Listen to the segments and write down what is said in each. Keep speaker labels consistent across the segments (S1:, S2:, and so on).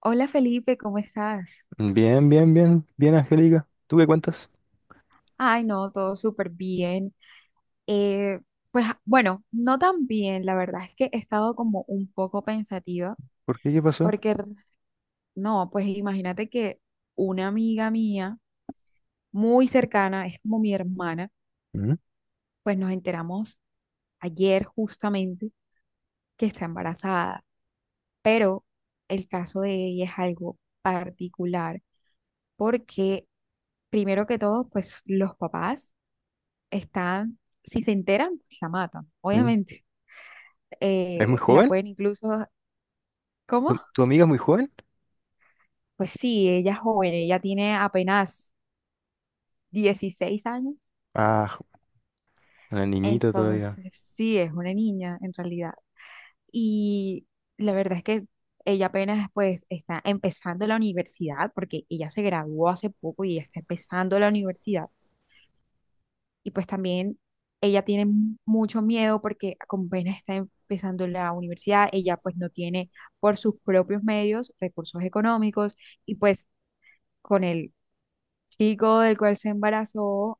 S1: Hola Felipe, ¿cómo estás?
S2: Bien, bien, bien, bien, Angélica. ¿Tú qué cuentas?
S1: Ay, no, todo súper bien. Eh, pues bueno, no tan bien, la verdad es que he estado como un poco pensativa,
S2: ¿Por qué? ¿Qué pasó?
S1: porque no, pues imagínate que una amiga mía muy cercana, es como mi hermana,
S2: Mm,
S1: pues nos enteramos ayer justamente que está embarazada. El caso de ella es algo particular porque, primero que todo, pues los papás están, si se enteran, pues la matan,
S2: mm.
S1: obviamente.
S2: ¿Es muy
S1: La
S2: joven?
S1: pueden incluso, ¿cómo?
S2: ¿Tu amiga es muy joven?
S1: Pues sí, ella es joven, ella tiene apenas 16 años,
S2: Ah, jo- una niñita todavía.
S1: entonces sí, es una niña en realidad. Y la verdad es que ella apenas pues está empezando la universidad, porque ella se graduó hace poco y está empezando la universidad. Y pues también ella tiene mucho miedo porque como apenas está empezando la universidad, ella pues no tiene por sus propios medios recursos económicos y pues con el chico del cual se embarazó,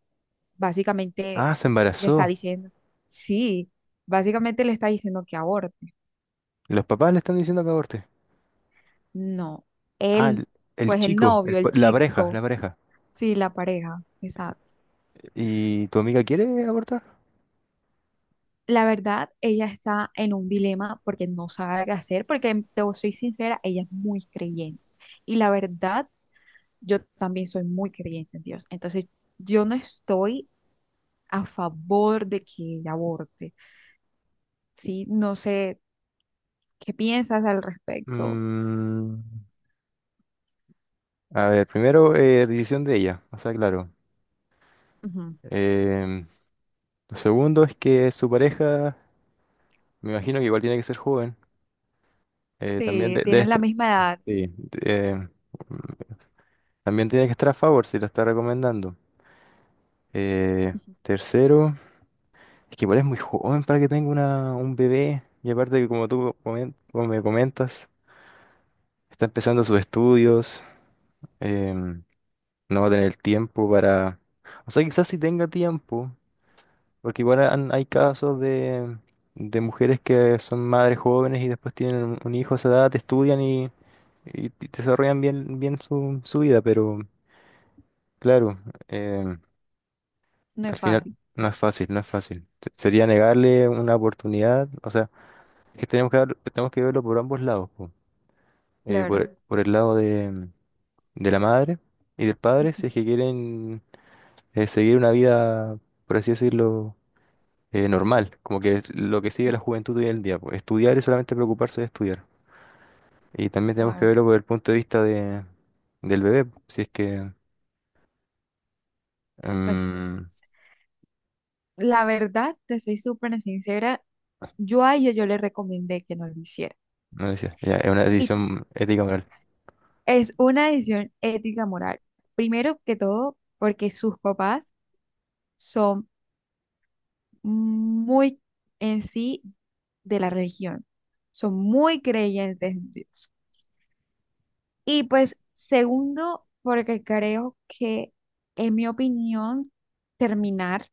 S1: básicamente
S2: Ah, se
S1: le está
S2: embarazó.
S1: diciendo, sí, básicamente le está diciendo que aborte.
S2: Los papás le están diciendo que aborte.
S1: No,
S2: Ah,
S1: él,
S2: el, el
S1: pues el
S2: chico,
S1: novio, el
S2: la pareja,
S1: chico,
S2: la pareja.
S1: sí, la pareja, exacto.
S2: ¿Y tu amiga quiere abortar?
S1: La verdad, ella está en un dilema porque no sabe qué hacer, porque te soy sincera, ella es muy creyente. Y la verdad, yo también soy muy creyente en Dios. Entonces, yo no estoy a favor de que ella aborte. Sí, no sé, ¿qué piensas al respecto?
S2: Mm, a ver, primero, decisión de ella, o sea, claro.
S1: Ujú.
S2: Em, lo segundo es que su pareja, me imagino que igual tiene que ser joven. También
S1: Sí, tienen la misma edad.
S2: sí, em, también tiene que estar a favor si lo está recomendando. Eh,
S1: Ujú.
S2: Tercero, es que igual es muy joven para que tenga un bebé. Y aparte que como me comentas, está empezando sus estudios. em, no va a tener tiempo para... O sea, quizás sí tenga tiempo, porque hay casos de mujeres que son madres jóvenes y después tienen un hijo a esa edad, estudian y desarrollan bien, bien su, su vida, pero claro. em,
S1: No es
S2: Al final,
S1: fácil,
S2: no es fácil, no es fácil. Sería negarle una oportunidad, o sea, que tenemos que, tenemos que verlo por ambos lados, po. Por,
S1: claro.
S2: ujú, por el lado de la madre y del padre, si
S1: Ujú.
S2: es que quieren seguir una vida, por así decirlo, normal, como que es lo que sigue la juventud hoy en día, po, estudiar y solamente preocuparse de estudiar. Y también tenemos que
S1: Bueno,
S2: verlo por el punto de vista de, del bebé, po, si es que,
S1: pues
S2: mm,
S1: la verdad, te soy súper sincera, yo a ella yo le recomendé que no lo hiciera.
S2: no decía, ya, es una
S1: Y
S2: decisión ética moral.
S1: es una decisión ética moral. Primero que todo, porque sus papás son muy en sí de la religión. Son muy creyentes en Dios. Y pues segundo, porque creo que, en mi opinión, terminar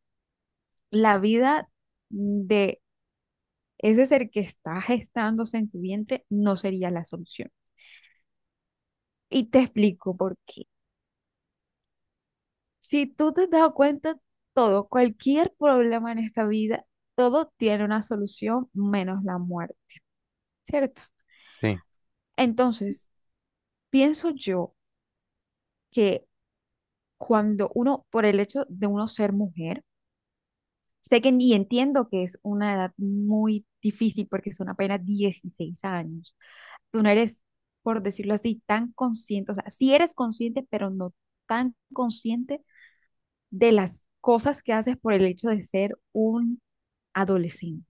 S1: la vida de ese ser que está gestándose en tu vientre no sería la solución. Y te explico por qué. Si tú te has dado cuenta, todo, cualquier problema en esta vida, todo tiene una solución menos la muerte, ¿cierto?
S2: Sí.
S1: Entonces, pienso yo que cuando uno, por el hecho de uno ser mujer, sé que y entiendo que es una edad muy difícil porque son apenas 16 años. Tú no eres, por decirlo así, tan consciente, o sea, sí eres consciente, pero no tan consciente de las cosas que haces por el hecho de ser un adolescente,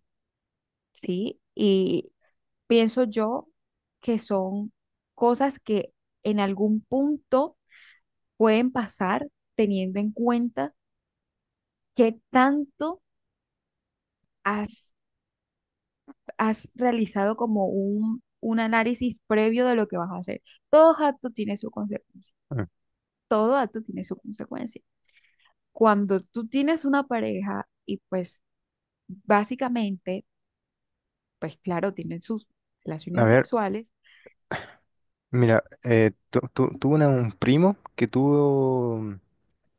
S1: ¿sí? Y pienso yo que son cosas que en algún punto pueden pasar teniendo en cuenta, ¿qué tanto has, has realizado como un análisis previo de lo que vas a hacer? Todo acto tiene su consecuencia.
S2: Mm.
S1: Todo acto tiene su consecuencia. Cuando tú tienes una pareja y pues básicamente, pues claro, tienen sus
S2: A
S1: relaciones
S2: ver.
S1: sexuales,
S2: Mira, tuve un primo que tuvo,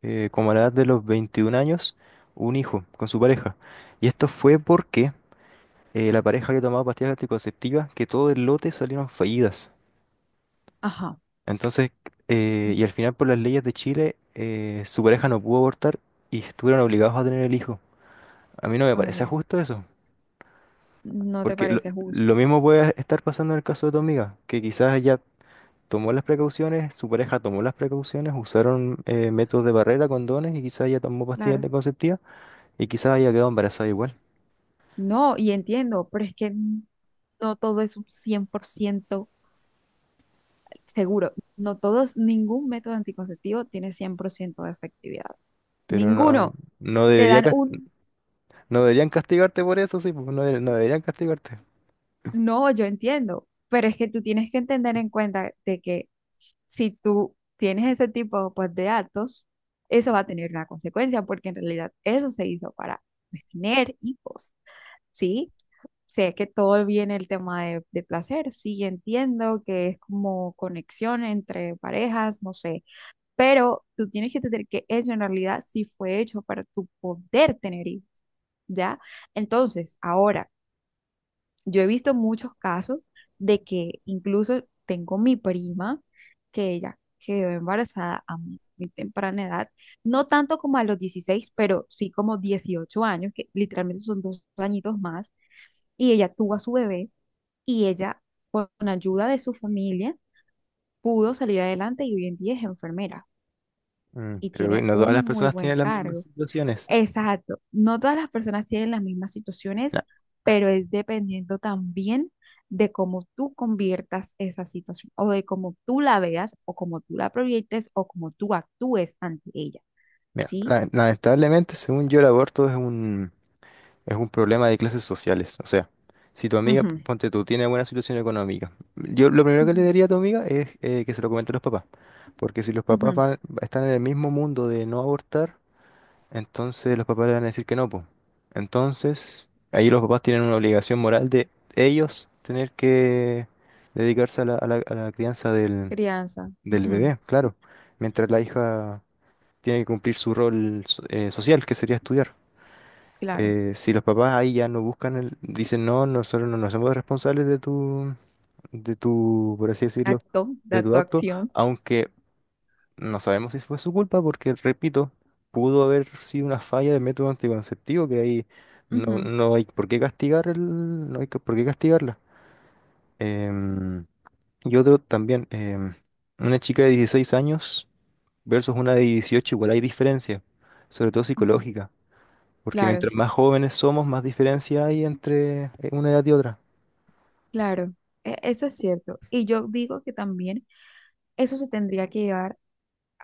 S2: como a la edad de los 21 años, un hijo con su pareja. Y esto fue porque la pareja que tomaba pastillas anticonceptivas, que todo el lote salieron fallidas.
S1: ajá.
S2: Entonces, y
S1: Mm.
S2: al final por las leyes de Chile, su pareja no pudo abortar y estuvieron obligados a tener el hijo. A mí no me parece
S1: Ok,
S2: justo eso,
S1: no te
S2: porque
S1: parece justo,
S2: lo mismo puede estar pasando en el caso de tu amiga, que quizás ella tomó las precauciones, su pareja tomó las precauciones, usaron métodos de barrera, condones, y quizás ella tomó pastillas
S1: claro.
S2: anticonceptivas y quizás haya quedado embarazada igual.
S1: No, y entiendo, pero es que no todo es un 100% seguro, no todos, ningún método anticonceptivo tiene 100% de efectividad.
S2: Pero no,
S1: Ninguno.
S2: no
S1: Te
S2: debería,
S1: dan
S2: cas-
S1: un
S2: no deberían castigarte por eso, sí, pues, no deberían castigarte.
S1: No, yo entiendo, pero es que tú tienes que entender en cuenta de que si tú tienes ese tipo pues, de actos, eso va a tener una consecuencia, porque en realidad eso se hizo para pues, tener hijos, ¿sí? Sé que todo viene el tema de, placer, sí, entiendo que es como conexión entre parejas, no sé, pero tú tienes que entender que eso en realidad sí fue hecho para tu poder tener hijos, ¿ya? Entonces, ahora, yo he visto muchos casos de que incluso tengo mi prima que ella quedó embarazada a muy, muy temprana edad, no tanto como a los 16, pero sí como 18 años, que literalmente son 2 añitos más, y ella tuvo a su bebé y ella, con ayuda de su familia, pudo salir adelante y hoy en día es enfermera
S2: Mm,
S1: y
S2: pero que
S1: tiene
S2: no todas
S1: un
S2: las
S1: muy
S2: personas
S1: buen
S2: tienen las mismas
S1: cargo.
S2: situaciones.
S1: Exacto, no todas las personas tienen las mismas situaciones,
S2: La-
S1: pero es dependiendo también de cómo tú conviertas esa situación o de cómo tú la veas o cómo tú la proyectes o cómo tú actúes ante ella.
S2: Mira,
S1: ¿Sí?
S2: lamentablemente, según yo, el aborto es un, es un problema de clases sociales. O sea, si tu amiga,
S1: Ujú,
S2: ponte tú, tiene buena situación económica, yo lo primero que le
S1: ujú,
S2: diría a tu amiga es que se lo comente a los papás. Porque si los papás
S1: ujú.
S2: van- están en el mismo mundo de no abortar, entonces los papás le van a decir que no, pues. Entonces, ahí los papás tienen una obligación moral de ellos tener que dedicarse a la crianza del,
S1: Crianza,
S2: del
S1: ujú,
S2: bebé, claro. Mientras la hija tiene que cumplir su rol social, que sería estudiar.
S1: claro.
S2: Si los papás ahí ya no buscan el, dicen no, nosotros no nos somos responsables de tu, por así decirlo,
S1: Acto,
S2: de
S1: da
S2: tu
S1: tu
S2: acto,
S1: acción.
S2: aunque no sabemos si fue su culpa, porque repito, pudo haber sido una falla de método anticonceptivo que ahí no,
S1: Ujú,
S2: no hay por qué castigar el, no hay que- por qué castigarla. Em, y otro también, una chica de 16 años versus una de 18 igual hay diferencia, sobre todo
S1: ujú.
S2: psicológica. Porque
S1: Claro,
S2: mientras más jóvenes somos, más diferencia hay entre una edad y otra.
S1: claro. E- eso es cierto. Y yo digo que también eso se tendría que llevar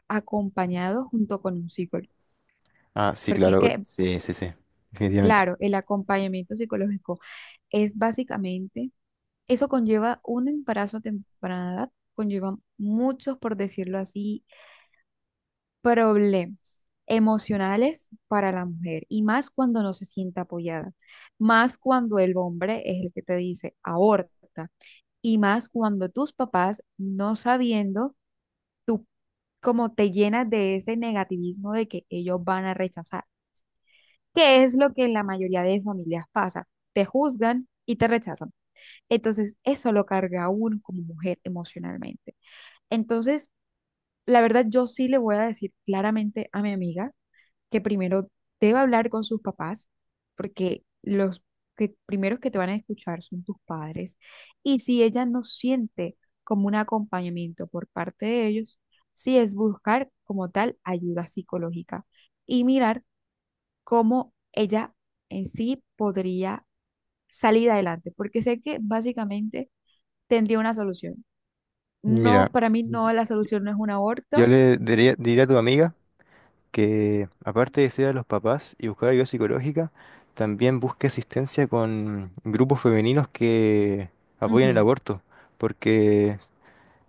S1: acompañado junto con un psicólogo.
S2: Ah, sí,
S1: Porque es
S2: claro,
S1: que
S2: sí, sí, sí, definitivamente.
S1: claro, el acompañamiento psicológico es básicamente, eso conlleva un embarazo a temprana edad, conlleva muchos, por decirlo así, problemas emocionales para la mujer y más cuando no se siente apoyada, más cuando el hombre es el que te dice aborta y más cuando tus papás no sabiendo, tú como te llenas de ese negativismo de que ellos van a rechazar, que es lo que en la mayoría de familias pasa, te juzgan y te rechazan. Entonces, eso lo carga a uno como mujer emocionalmente. Entonces, la verdad, yo sí le voy a decir claramente a mi amiga que primero debe hablar con sus papás, porque los que primeros que te van a escuchar son tus padres. Y si ella no siente como un acompañamiento por parte de ellos, sí es buscar como tal ayuda psicológica y mirar cómo ella en sí podría salir adelante, porque sé que básicamente tendría una solución. No,
S2: Mira,
S1: para mí
S2: y-
S1: no, la solución no es un
S2: yo
S1: aborto.
S2: le diría, diría a tu amiga que aparte de ser a los papás y buscar ayuda psicológica, también busque asistencia con grupos femeninos que apoyen el
S1: Ujú.
S2: aborto, porque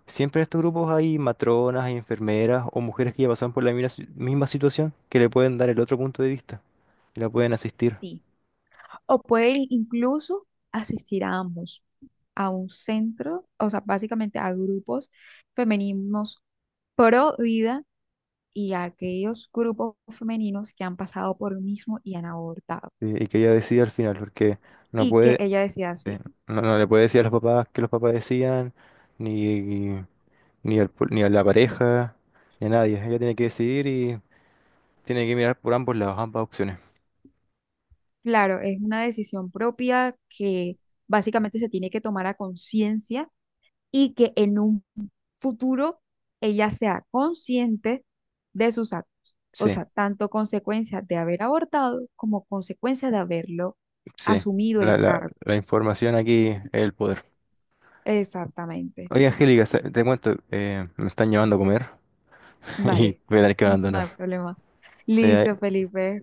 S2: siempre en estos grupos hay matronas, hay enfermeras o mujeres que ya pasan por la misma si- misma situación, que le pueden dar el otro punto de vista y la pueden asistir.
S1: Sí. O puede ir incluso asistir a ambos, a un centro, o sea, básicamente a grupos femeninos pro vida y a aquellos grupos femeninos que han pasado por lo mismo y han abortado.
S2: Sí, y que ella decida al final, porque no
S1: Y que
S2: puede,
S1: ella decía así.
S2: eh, no, no le puede decir a los papás que los papás decían, ni, ni, ni a la pareja, ni a nadie. Ella tiene que decidir y tiene que mirar por ambos lados, ambas opciones.
S1: Claro, es una decisión propia que básicamente se tiene que tomar a conciencia y que en un futuro ella sea consciente de sus actos. O
S2: Sí,
S1: sea, tanto consecuencias de haber abortado como consecuencias de haberlo
S2: sí.
S1: asumido
S2: La,
S1: el
S2: la,
S1: cargo.
S2: la información aquí es el poder.
S1: Exactamente.
S2: Oye, Angélica, te cuento, me están llevando a comer y
S1: Vale,
S2: voy a tener que
S1: no hay
S2: abandonar.
S1: problema.
S2: Sí, ahí-
S1: Listo, Felipe,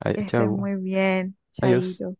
S1: que estés
S2: chau.
S1: muy bien.
S2: Adiós.
S1: Chaito.